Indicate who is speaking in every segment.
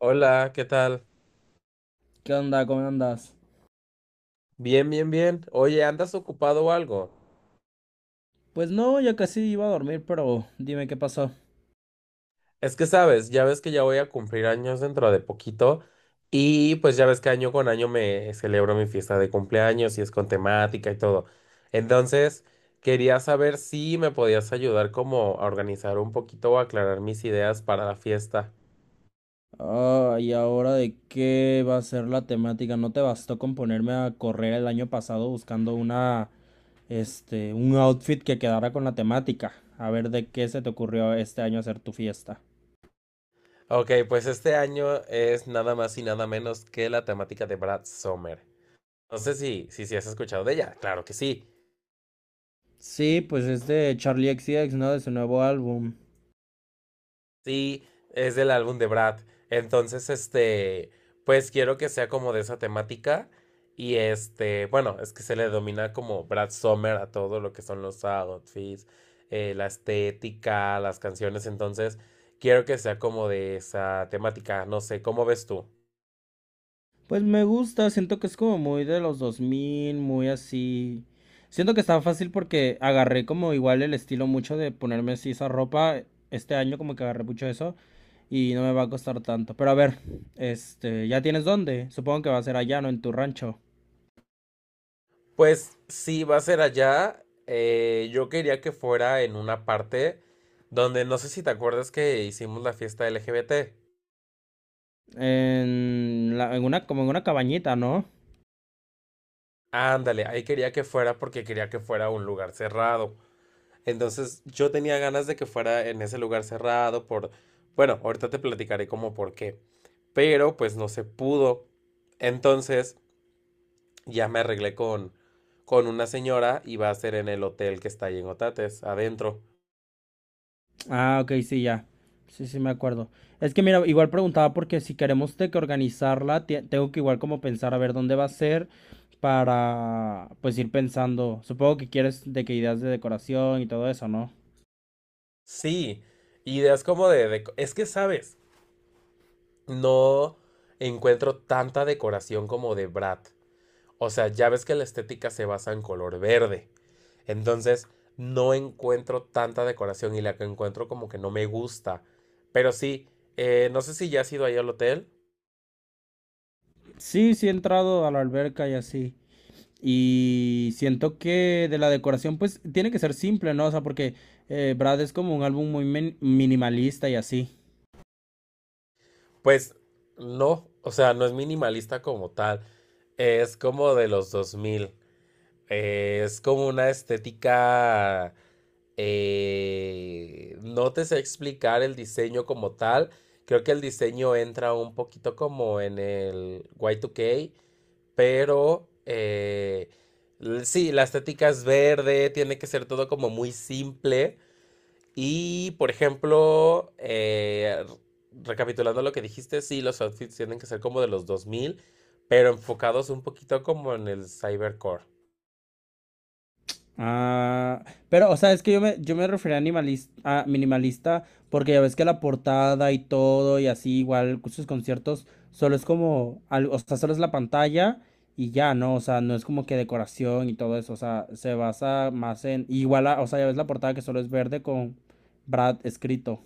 Speaker 1: Hola, ¿qué tal?
Speaker 2: ¿Qué onda? ¿Cómo andas?
Speaker 1: Bien, bien, bien. Oye, ¿andas ocupado o algo?
Speaker 2: Pues no, ya casi iba a dormir, pero dime qué pasó.
Speaker 1: Es que sabes, ya ves que ya voy a cumplir años dentro de poquito y pues ya ves que año con año me celebro mi fiesta de cumpleaños y es con temática y todo. Entonces, quería saber si me podías ayudar como a organizar un poquito o aclarar mis ideas para la fiesta.
Speaker 2: Ah, ¿y ahora de qué va a ser la temática? ¿No te bastó con ponerme a correr el año pasado buscando un outfit que quedara con la temática? A ver de qué se te ocurrió este año hacer tu fiesta.
Speaker 1: Ok, pues este año es nada más y nada menos que la temática de Brad Sommer. No sé si has escuchado de ella, claro que sí.
Speaker 2: Sí, pues es de Charlie XCX, ¿no? De su nuevo álbum.
Speaker 1: Sí, es del álbum de Brad. Entonces, pues quiero que sea como de esa temática. Y este, bueno, es que se le domina como Brad Summer a todo lo que son los outfits, la estética, las canciones. Entonces, quiero que sea como de esa temática. No sé, ¿cómo ves tú?
Speaker 2: Pues me gusta, siento que es como muy de los 2000, muy así. Siento que está fácil porque agarré como igual el estilo mucho de ponerme así esa ropa. Este año como que agarré mucho eso y no me va a costar tanto. Pero a ver, ¿ya tienes dónde? Supongo que va a ser allá, ¿no? En tu rancho.
Speaker 1: Pues sí, va a ser allá. Yo quería que fuera en una parte donde no sé si te acuerdas que hicimos la fiesta LGBT.
Speaker 2: En la, en una, como en una cabañita, ¿no?
Speaker 1: Ándale, ahí quería que fuera porque quería que fuera un lugar cerrado. Entonces yo tenía ganas de que fuera en ese lugar cerrado Bueno, ahorita te platicaré como por qué. Pero pues no se pudo. Entonces ya me arreglé con una señora y va a ser en el hotel que está ahí en Otates, adentro.
Speaker 2: Ah, ok, sí, ya. Sí, sí, me acuerdo. Es que mira, igual preguntaba porque si queremos de que organizarla, tengo que igual como pensar a ver dónde va a ser para pues ir pensando. Supongo que quieres de que ideas de decoración y todo eso, ¿no?
Speaker 1: Sí, ideas como de... es que, ¿sabes? No encuentro tanta decoración como de Brat. O sea, ya ves que la estética se basa en color verde. Entonces, no encuentro tanta decoración y la que encuentro como que no me gusta. Pero sí, no sé si ya has ido ahí al hotel.
Speaker 2: Sí, sí he entrado a la alberca y así. Y siento que de la decoración pues tiene que ser simple, ¿no? O sea, porque Brad es como un álbum minimalista y así.
Speaker 1: Pues no, o sea, no es minimalista como tal. Es como de los 2000. Es como una estética... no te sé explicar el diseño como tal. Creo que el diseño entra un poquito como en el Y2K. Pero sí, la estética es verde, tiene que ser todo como muy simple. Y, por ejemplo, recapitulando lo que dijiste, sí, los outfits tienen que ser como de los 2000 pero enfocados un poquito como en el cybercore.
Speaker 2: Ah, pero, o sea, es que yo me refería a, a minimalista porque ya ves que la portada y todo y así, igual sus conciertos, solo es o sea, solo es la pantalla y ya, ¿no? O sea, no es como que decoración y todo eso, o sea, se basa más en, igual, o sea, ya ves la portada que solo es verde con Brad escrito.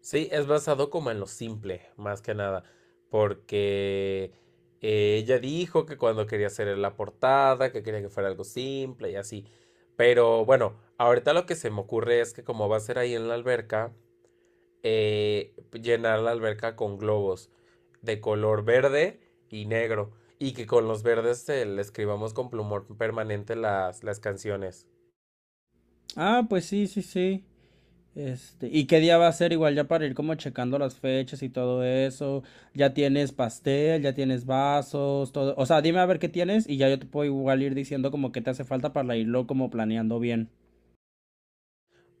Speaker 1: Sí, es basado como en lo simple, más que nada, porque ella dijo que cuando quería hacer la portada, que quería que fuera algo simple y así. Pero bueno, ahorita lo que se me ocurre es que como va a ser ahí en la alberca, llenar la alberca con globos de color verde y negro, y que con los verdes le escribamos con plumón permanente las canciones.
Speaker 2: Ah, pues sí, sí, sí. ¿Y qué día va a ser igual ya para ir como checando las fechas y todo eso? Ya tienes pastel, ya tienes vasos, todo. O sea, dime a ver qué tienes y ya yo te puedo igual ir diciendo como qué te hace falta para irlo como planeando bien.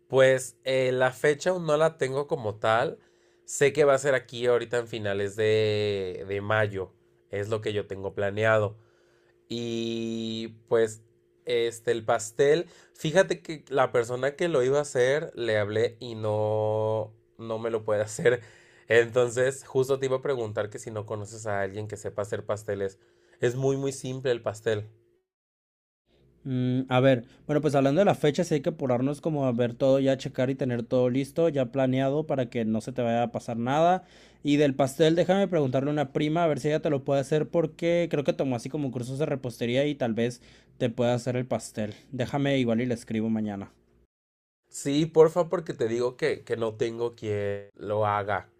Speaker 1: Pues la fecha aún no la tengo como tal. Sé que va a ser aquí ahorita en finales de mayo. Es lo que yo tengo planeado. Y pues el pastel. Fíjate que la persona que lo iba a hacer, le hablé y no me lo puede hacer. Entonces, justo te iba a preguntar que si no conoces a alguien que sepa hacer pasteles. Es muy, muy simple el pastel.
Speaker 2: Mm, a ver, bueno, pues hablando de la fecha, sí hay que apurarnos como a ver todo, ya checar y tener todo listo, ya planeado para que no se te vaya a pasar nada. Y del pastel, déjame preguntarle a una prima a ver si ella te lo puede hacer porque creo que tomó así como cursos de repostería y tal vez te pueda hacer el pastel. Déjame igual y le escribo mañana.
Speaker 1: Sí, porfa, porque te digo que no tengo quien lo haga.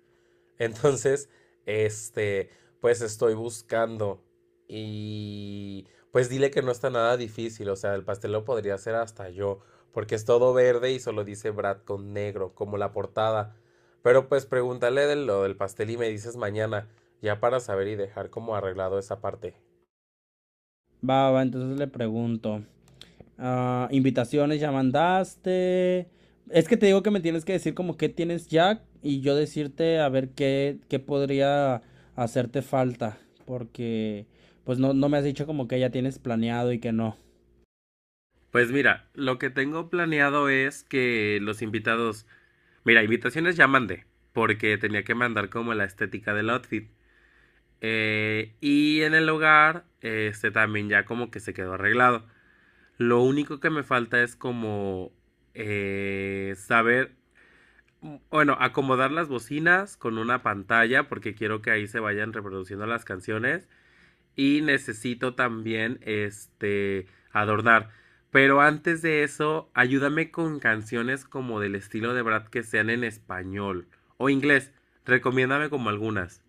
Speaker 1: Entonces, este, pues estoy buscando y pues dile que no está nada difícil, o sea, el pastel lo podría hacer hasta yo, porque es todo verde y solo dice Brad con negro, como la portada. Pero pues pregúntale de lo del pastel y me dices mañana, ya para saber y dejar como arreglado esa parte.
Speaker 2: Va, va, entonces le pregunto. Ah, invitaciones ya mandaste. Es que te digo que me tienes que decir como qué tienes ya y yo decirte a ver qué podría hacerte falta. Porque pues no, no me has dicho como que ya tienes planeado y que no.
Speaker 1: Pues mira, lo que tengo planeado es que los invitados... Mira, invitaciones ya mandé, porque tenía que mandar como la estética del outfit. Y en el hogar, este también ya como que se quedó arreglado. Lo único que me falta es como saber, bueno, acomodar las bocinas con una pantalla porque quiero que ahí se vayan reproduciendo las canciones y necesito también este adornar. Pero antes de eso, ayúdame con canciones como del estilo de Brad que sean en español o inglés. Recomiéndame como algunas.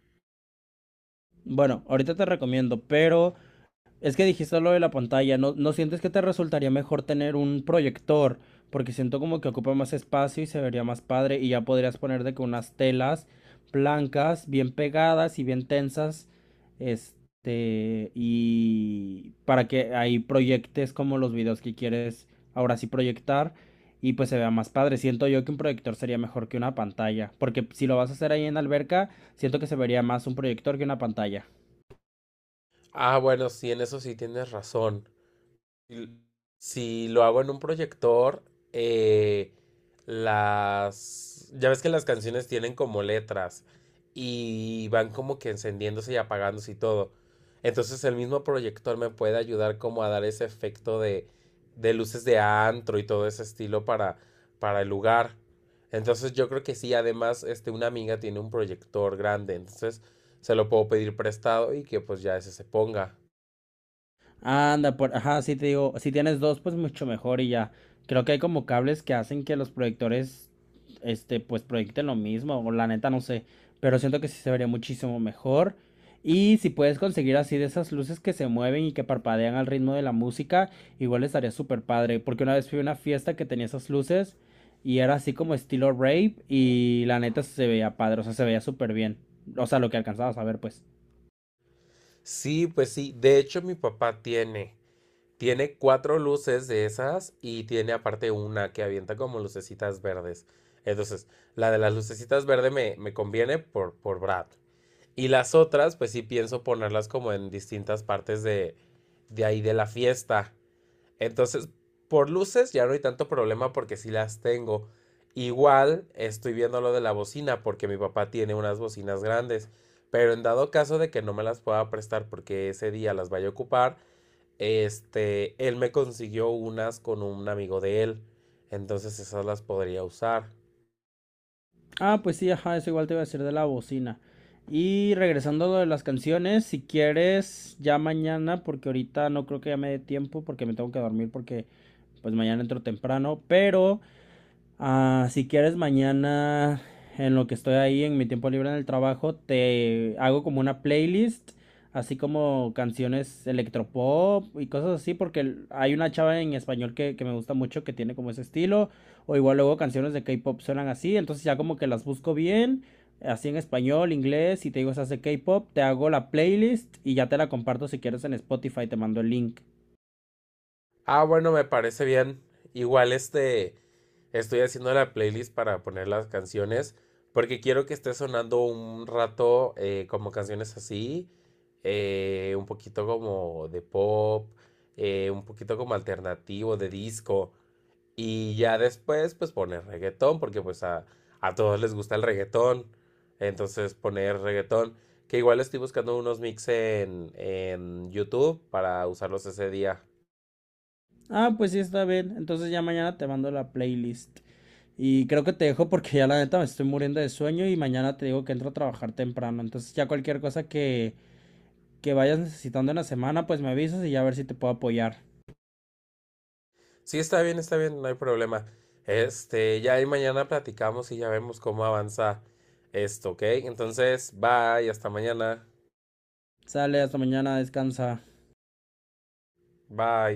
Speaker 2: Bueno, ahorita te recomiendo, pero es que dijiste lo de la pantalla, ¿no sientes que te resultaría mejor tener un proyector? Porque siento como que ocupa más espacio y se vería más padre y ya podrías poner de que unas telas blancas, bien pegadas y bien tensas, y para que ahí proyectes como los videos que quieres ahora sí proyectar y pues se vea más padre. Siento yo que un proyector sería mejor que una pantalla, porque si lo vas a hacer ahí en la alberca, siento que se vería más un proyector que una pantalla.
Speaker 1: Ah, bueno, sí, en eso sí tienes razón. l- si lo hago en un proyector, eh, las... Ya ves que las canciones tienen como letras y van como que encendiéndose y apagándose y todo. Entonces el mismo proyector me puede ayudar como a dar ese efecto de luces de antro y todo ese estilo para el lugar. Entonces yo creo que sí, además, una amiga tiene un proyector grande, entonces se lo puedo pedir prestado y que pues ya ese se ponga.
Speaker 2: Ajá, sí te digo, si tienes dos, pues mucho mejor y ya. Creo que hay como cables que hacen que los proyectores, pues proyecten lo mismo, o la neta no sé, pero siento que sí se vería muchísimo mejor. Y si puedes conseguir así de esas luces que se mueven y que parpadean al ritmo de la música, igual estaría súper padre, porque una vez fui a una fiesta que tenía esas luces y era así como estilo rave y la neta se veía padre, o sea, se veía súper bien, o sea, lo que alcanzabas a ver, pues.
Speaker 1: Sí, pues sí. De hecho, mi papá tiene. Tiene 4 luces de esas y tiene aparte una que avienta como lucecitas verdes. Entonces, la de las lucecitas verdes me conviene por Brad. Y las otras, pues sí pienso ponerlas como en distintas partes de ahí de la fiesta. Entonces, por luces ya no hay tanto problema porque sí las tengo. Igual estoy viendo lo de la bocina porque mi papá tiene unas bocinas grandes. Pero en dado caso de que no me las pueda prestar porque ese día las vaya a ocupar, él me consiguió unas con un amigo de él. Entonces esas las podría usar.
Speaker 2: Ah, pues sí, ajá, eso igual te iba a decir de la bocina. Y regresando a lo de las canciones, si quieres, ya mañana, porque ahorita no creo que ya me dé tiempo, porque me tengo que dormir, porque pues mañana entro temprano, pero ah, si quieres, mañana, en lo que estoy ahí, en mi tiempo libre en el trabajo, te hago como una playlist, así como canciones electropop y cosas así, porque hay una chava en español que me gusta mucho que tiene como ese estilo, o igual luego canciones de K-pop suenan así, entonces ya como que las busco bien, así en español, inglés, y te digo esas de K-pop, te hago la playlist y ya te la comparto si quieres en Spotify, te mando el link.
Speaker 1: Ah, bueno, me parece bien. Igual estoy haciendo la playlist para poner las canciones. Porque quiero que esté sonando un rato como canciones así. Un poquito como de pop. Un poquito como alternativo, de disco. Y ya después, pues poner reggaetón, porque pues a todos les gusta el reggaetón. Entonces poner reggaetón, que igual estoy buscando unos mix en YouTube para usarlos ese día.
Speaker 2: Ah, pues sí, está bien. Entonces ya mañana te mando la playlist. Y creo que te dejo porque ya la neta me estoy muriendo de sueño y mañana te digo que entro a trabajar temprano. Entonces ya cualquier cosa que vayas necesitando en la semana, pues me avisas y ya a ver si te puedo apoyar.
Speaker 1: Sí, está bien, no hay problema. Este, ya ahí mañana platicamos y ya vemos cómo avanza esto, ¿ok? Entonces, bye, hasta mañana.
Speaker 2: Sale, hasta mañana, descansa.
Speaker 1: Bye.